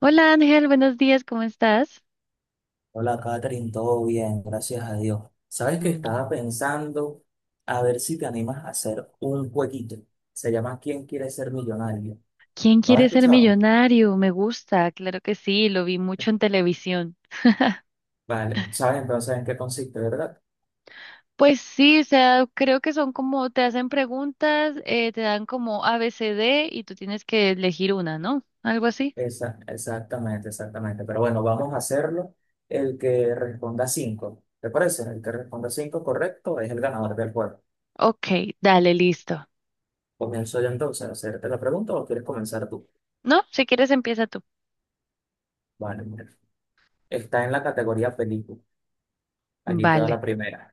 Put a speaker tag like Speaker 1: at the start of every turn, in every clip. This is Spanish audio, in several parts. Speaker 1: Hola Ángel, buenos días, ¿cómo estás?
Speaker 2: Hola, Catherine, todo bien, gracias a Dios. Sabes que estaba
Speaker 1: Mm.
Speaker 2: pensando a ver si te animas a hacer un jueguito. Se llama ¿Quién quiere ser millonario?
Speaker 1: ¿Quién
Speaker 2: ¿Lo has
Speaker 1: quiere ser
Speaker 2: escuchado?
Speaker 1: millonario? Me gusta, claro que sí, lo vi mucho en televisión.
Speaker 2: Vale, sabes entonces en qué consiste, ¿verdad?
Speaker 1: Pues sí, o sea, creo que son como, te hacen preguntas, te dan como A B C D y tú tienes que elegir una, ¿no? Algo así.
Speaker 2: Esa, exactamente, exactamente. Pero bueno, vamos a hacerlo. El que responda cinco, ¿te parece? El que responda cinco correcto es el ganador del juego.
Speaker 1: Ok, dale, listo.
Speaker 2: Comienzo yo entonces a hacerte la pregunta o quieres comenzar tú.
Speaker 1: ¿No? Si quieres empieza tú.
Speaker 2: Vale, mira. Está en la categoría película. Allí te va
Speaker 1: Vale.
Speaker 2: la primera.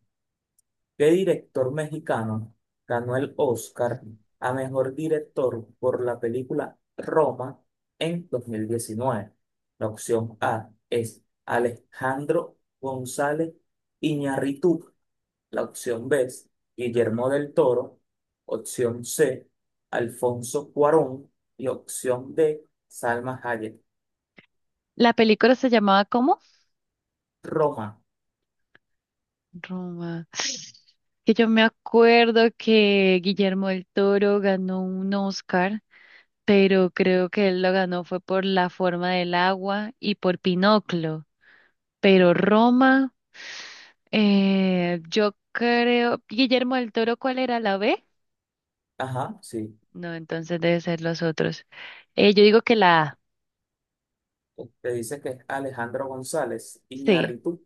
Speaker 2: ¿Qué director mexicano ganó el Oscar a mejor director por la película Roma en 2019? La opción A es Alejandro González Iñárritu. La opción B es Guillermo del Toro. Opción C, Alfonso Cuarón. Y opción D, Salma Hayek.
Speaker 1: ¿La película se llamaba cómo?
Speaker 2: Roma.
Speaker 1: Roma. Que yo me acuerdo que Guillermo del Toro ganó un Oscar, pero creo que él lo ganó fue por la forma del agua y por Pinocchio. Pero Roma, yo creo, Guillermo del Toro, ¿cuál era la B?
Speaker 2: Ajá, sí.
Speaker 1: No, entonces debe ser los otros. Yo digo que la A,
Speaker 2: Te dice que es Alejandro González
Speaker 1: sí.
Speaker 2: Iñárritu.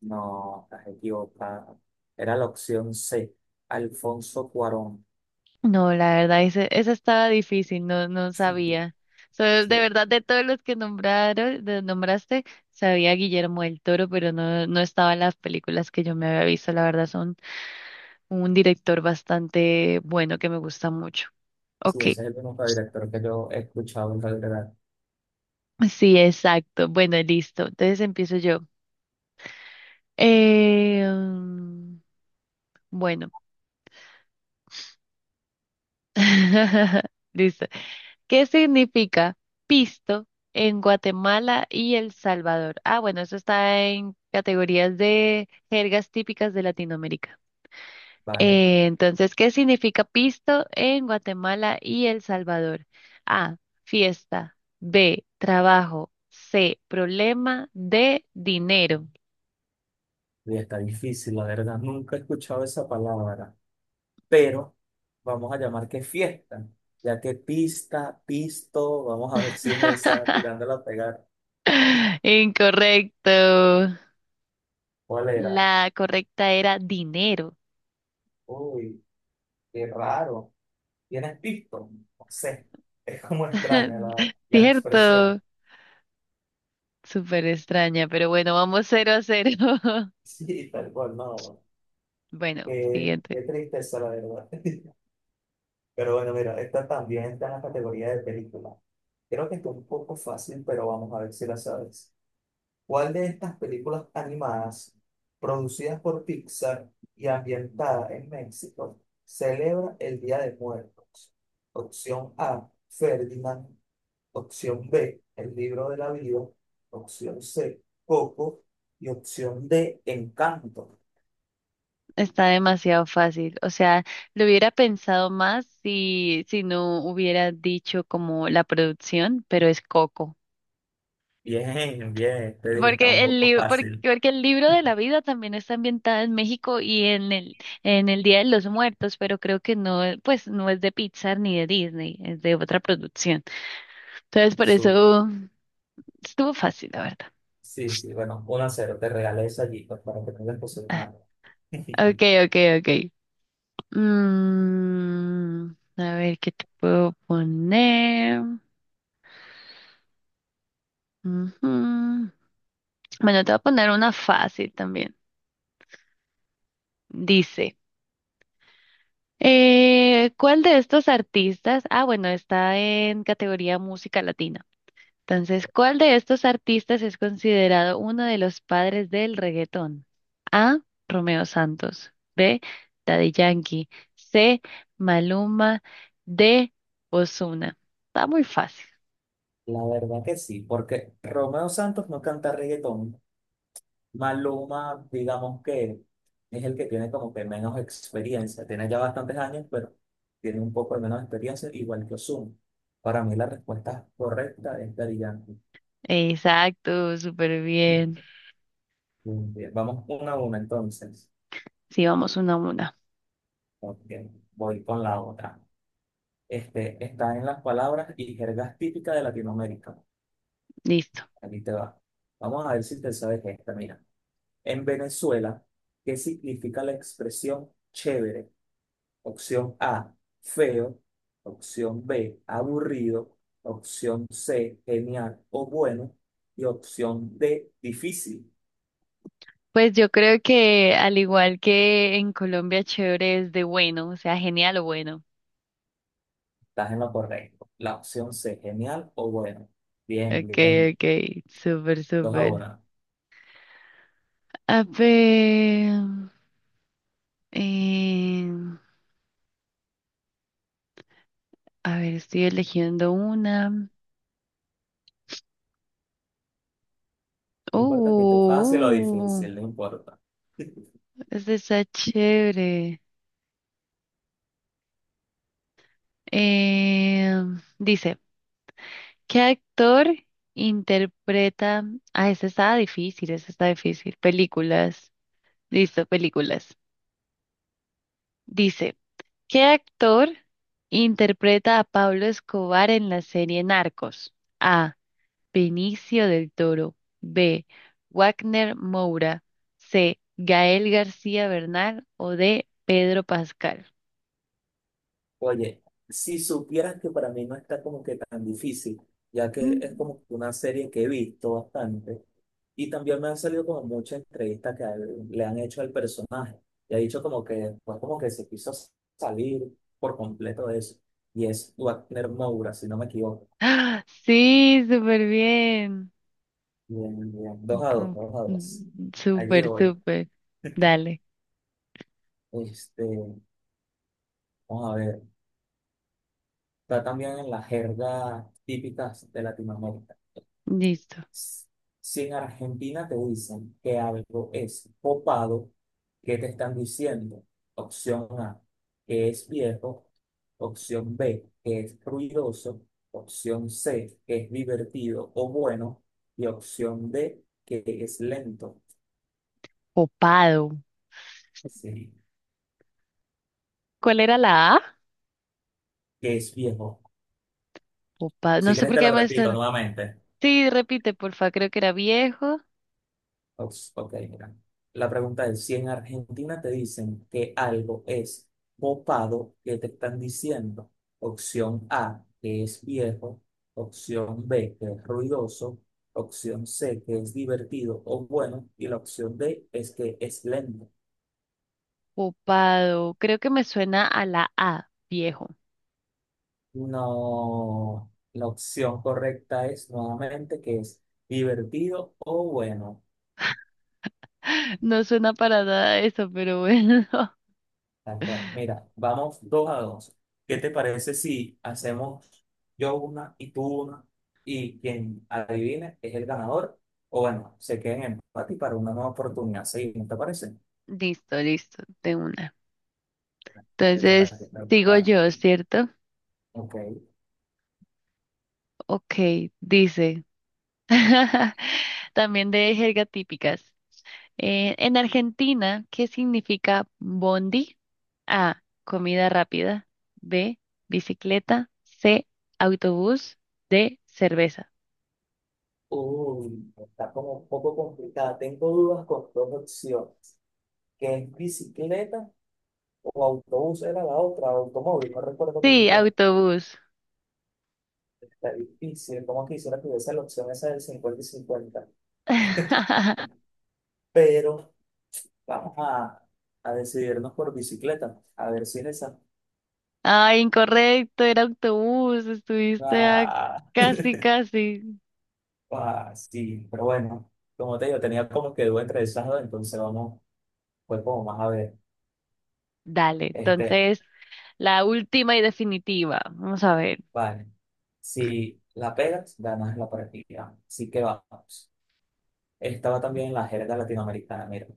Speaker 2: No, estás equivocada. Era la opción C, Alfonso Cuarón.
Speaker 1: No, la verdad, esa estaba difícil, no, no
Speaker 2: Sí,
Speaker 1: sabía. So, de
Speaker 2: sí,
Speaker 1: verdad, de todos los que nombraron, nombraste, sabía Guillermo del Toro, pero no, no estaba en las películas que yo me había visto, la verdad, son un director bastante bueno que me gusta mucho.
Speaker 2: sí,
Speaker 1: Ok,
Speaker 2: ese es el único director que yo he escuchado en realidad.
Speaker 1: sí, exacto. Bueno, listo. Entonces empiezo yo. Eh, mm, bueno, listo. ¿Qué significa pisto en Guatemala y El Salvador? Ah, bueno, eso está en categorías de jergas típicas de Latinoamérica.
Speaker 2: Vale,
Speaker 1: Entonces, ¿qué significa pisto en Guatemala y El Salvador? A, fiesta. B, trabajo. C, problema. D, dinero.
Speaker 2: y está difícil, la verdad. Nunca he escuchado esa palabra, pero vamos a llamar que fiesta, ya que pista, pisto, vamos a ver si es esa, tirándola a pegar.
Speaker 1: Incorrecto.
Speaker 2: ¿Cuál era?
Speaker 1: La correcta era dinero.
Speaker 2: Uy, qué raro. ¿Tienes pisto? No sé, es como extraña la, la expresión.
Speaker 1: Cierto. Súper extraña, pero bueno, vamos cero a cero.
Speaker 2: Sí, tal cual, no.
Speaker 1: Bueno,
Speaker 2: Qué,
Speaker 1: siguiente.
Speaker 2: qué tristeza, la verdad. Pero bueno, mira, esta también está en la categoría de película. Creo que está un poco fácil, pero vamos a ver si la sabes. ¿Cuál de estas películas animadas producidas por Pixar y ambientada en México celebra el Día de Muertos? Opción A, Ferdinand. Opción B, El libro de la vida. Opción C, Coco. Y opción D, Encanto.
Speaker 1: Está demasiado fácil. O sea, lo hubiera pensado más si no hubiera dicho como la producción, pero es Coco.
Speaker 2: Bien, bien, te dije, está un
Speaker 1: Porque el
Speaker 2: poco
Speaker 1: libro,
Speaker 2: fácil.
Speaker 1: porque el libro de la vida también está ambientado en México y en el Día de los Muertos, pero creo que no, pues no es de Pixar ni de Disney, es de otra producción. Entonces, por eso estuvo fácil, la verdad.
Speaker 2: Sí, sí, bueno, 1-0 te regalé eso allí pues, para que tengas cosas
Speaker 1: Ah,
Speaker 2: manos.
Speaker 1: okay, okay, okay. Mm, a ver, ¿qué te puedo poner? Ujú. Bueno, te voy a poner una fácil también. Dice, ¿cuál de estos artistas? Ah, bueno, está en categoría música latina. Entonces, ¿cuál de estos artistas es considerado uno de los padres del reggaetón? A. Romeo Santos. B. Daddy Yankee. C. Maluma. D. Ozuna. Está muy fácil.
Speaker 2: La verdad que sí, porque Romeo Santos no canta reggaetón. Maluma, digamos que es el que tiene como que menos experiencia. Tiene ya bastantes años, pero tiene un poco de menos experiencia, igual que Ozuna. Para mí la respuesta correcta es Daddy Yankee.
Speaker 1: Exacto, súper bien.
Speaker 2: Muy bien, vamos una a una entonces.
Speaker 1: Sí, vamos una a una.
Speaker 2: Ok, voy con la otra. Está en las palabras y jergas típicas de Latinoamérica.
Speaker 1: Listo.
Speaker 2: Aquí te va. Vamos a ver si te sabes esta. Mira, en Venezuela, ¿qué significa la expresión chévere? Opción A, feo. Opción B, aburrido. Opción C, genial o bueno. Y opción D, difícil.
Speaker 1: Pues yo creo que al igual que en Colombia, chévere es de bueno, o sea, genial o bueno.
Speaker 2: Estás en lo correcto. La opción C, genial o bueno. Bien,
Speaker 1: Okay,
Speaker 2: bien.
Speaker 1: okay, súper,
Speaker 2: Dos a
Speaker 1: súper.
Speaker 2: una.
Speaker 1: A ver, eh, a ver, estoy eligiendo una.
Speaker 2: No importa que esté fácil o
Speaker 1: Oh,
Speaker 2: difícil, no importa.
Speaker 1: esta está chévere. Eh, dice, ¿qué actor interpreta? Ah, esta está difícil, esta está difícil. Películas. Listo, películas. Dice, ¿qué actor interpreta a Pablo Escobar en la serie Narcos? A. Benicio del Toro. B. Wagner Moura. C. Gael García Bernal. O D. Pedro Pascal.
Speaker 2: Oye, si supieras que para mí no está como que tan difícil, ya que es
Speaker 1: Mm.
Speaker 2: como que una serie que he visto bastante y también me han salido como muchas entrevistas que le han hecho al personaje y ha dicho como que después como que se quiso salir por completo de eso y es Wagner Moura, si no me equivoco.
Speaker 1: ¡Ah! Sí, súper bien.
Speaker 2: Bien, bien. Dos a dos,
Speaker 1: Ujú.
Speaker 2: dos a dos.
Speaker 1: Mm,
Speaker 2: Allí
Speaker 1: súper,
Speaker 2: voy.
Speaker 1: súper. Dale,
Speaker 2: Este, vamos a ver. Está también en las jergas típicas de Latinoamérica.
Speaker 1: listo.
Speaker 2: Si en Argentina te dicen que algo es copado, ¿qué te están diciendo? Opción A, que es viejo. Opción B, que es ruidoso. Opción C, que es divertido o bueno. Y opción D, que es lento.
Speaker 1: Popado.
Speaker 2: Sí,
Speaker 1: ¿Cuál era la A?
Speaker 2: que es viejo.
Speaker 1: Popado.
Speaker 2: Si
Speaker 1: No sé
Speaker 2: quieres
Speaker 1: por
Speaker 2: te la
Speaker 1: qué me
Speaker 2: repito
Speaker 1: suena.
Speaker 2: nuevamente.
Speaker 1: Sí, repite, porfa. Creo que era viejo.
Speaker 2: Ups, ok, mira. La pregunta es, si en Argentina te dicen que algo es popado, ¿qué te están diciendo? Opción A, que es viejo. Opción B, que es ruidoso. Opción C, que es divertido o bueno. Y la opción D es que es lento.
Speaker 1: Copado. Creo que me suena a la A, viejo.
Speaker 2: No, la opción correcta es nuevamente que es divertido o bueno.
Speaker 1: No suena para nada eso, pero bueno.
Speaker 2: Tal cual. Mira, vamos 2-2. ¿Qué te parece si hacemos yo una y tú una? Y quien adivine es el ganador. O bueno, se queda en empate y para una nueva oportunidad. Sí, ¿no te parece?
Speaker 1: Listo, listo, de una.
Speaker 2: Te toca a ti
Speaker 1: Entonces, sigo
Speaker 2: preguntar.
Speaker 1: yo, ¿cierto?
Speaker 2: Ok.
Speaker 1: Ok, dice. También de jerga típicas. En Argentina, ¿qué significa bondi? A, comida rápida. B, bicicleta. C, autobús. D, cerveza.
Speaker 2: Uy, está como un poco complicada. Tengo dudas con dos opciones. ¿Qué es bicicleta o autobús? Era la otra, automóvil. No recuerdo muy
Speaker 1: Sí,
Speaker 2: bien.
Speaker 1: autobús.
Speaker 2: Está difícil. Como quisiera que hubiese la opción esa del 50-50. Pero vamos a decidirnos por bicicleta, a ver si en esa.
Speaker 1: Ay, incorrecto, era autobús, estuviste a
Speaker 2: Ah,
Speaker 1: casi, casi.
Speaker 2: sí, pero bueno, como te digo, tenía como que duda entre esas dos, entonces vamos, pues como más a ver.
Speaker 1: Dale,
Speaker 2: Este,
Speaker 1: entonces la última y definitiva. Vamos a ver,
Speaker 2: vale, si la pegas, ganas la partida. Así que vamos. Estaba también en la jerga latinoamericana, mira.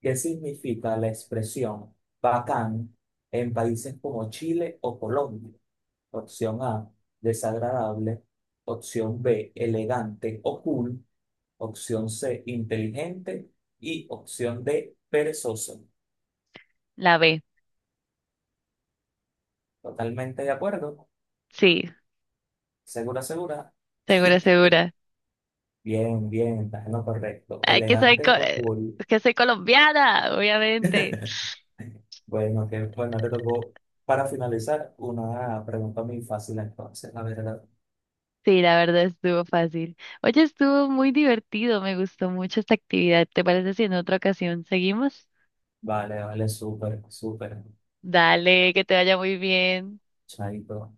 Speaker 2: ¿Qué significa la expresión bacán en países como Chile o Colombia? Opción A, desagradable. Opción B, elegante o cool. Opción C, inteligente y opción D, perezoso.
Speaker 1: la B.
Speaker 2: Totalmente de acuerdo.
Speaker 1: Sí,
Speaker 2: Segura, segura.
Speaker 1: segura, segura.
Speaker 2: Bien, bien, estás en lo correcto.
Speaker 1: Ay,
Speaker 2: Elegante o cool.
Speaker 1: que soy colombiana, obviamente.
Speaker 2: Bueno, que bueno, te tocó para finalizar una pregunta muy fácil entonces, la verdad.
Speaker 1: Sí, la verdad estuvo fácil. Oye, estuvo muy divertido, me gustó mucho esta actividad. ¿Te parece si en otra ocasión seguimos?
Speaker 2: Vale, vale, súper, súper.
Speaker 1: Dale, que te vaya muy bien.
Speaker 2: Chaito.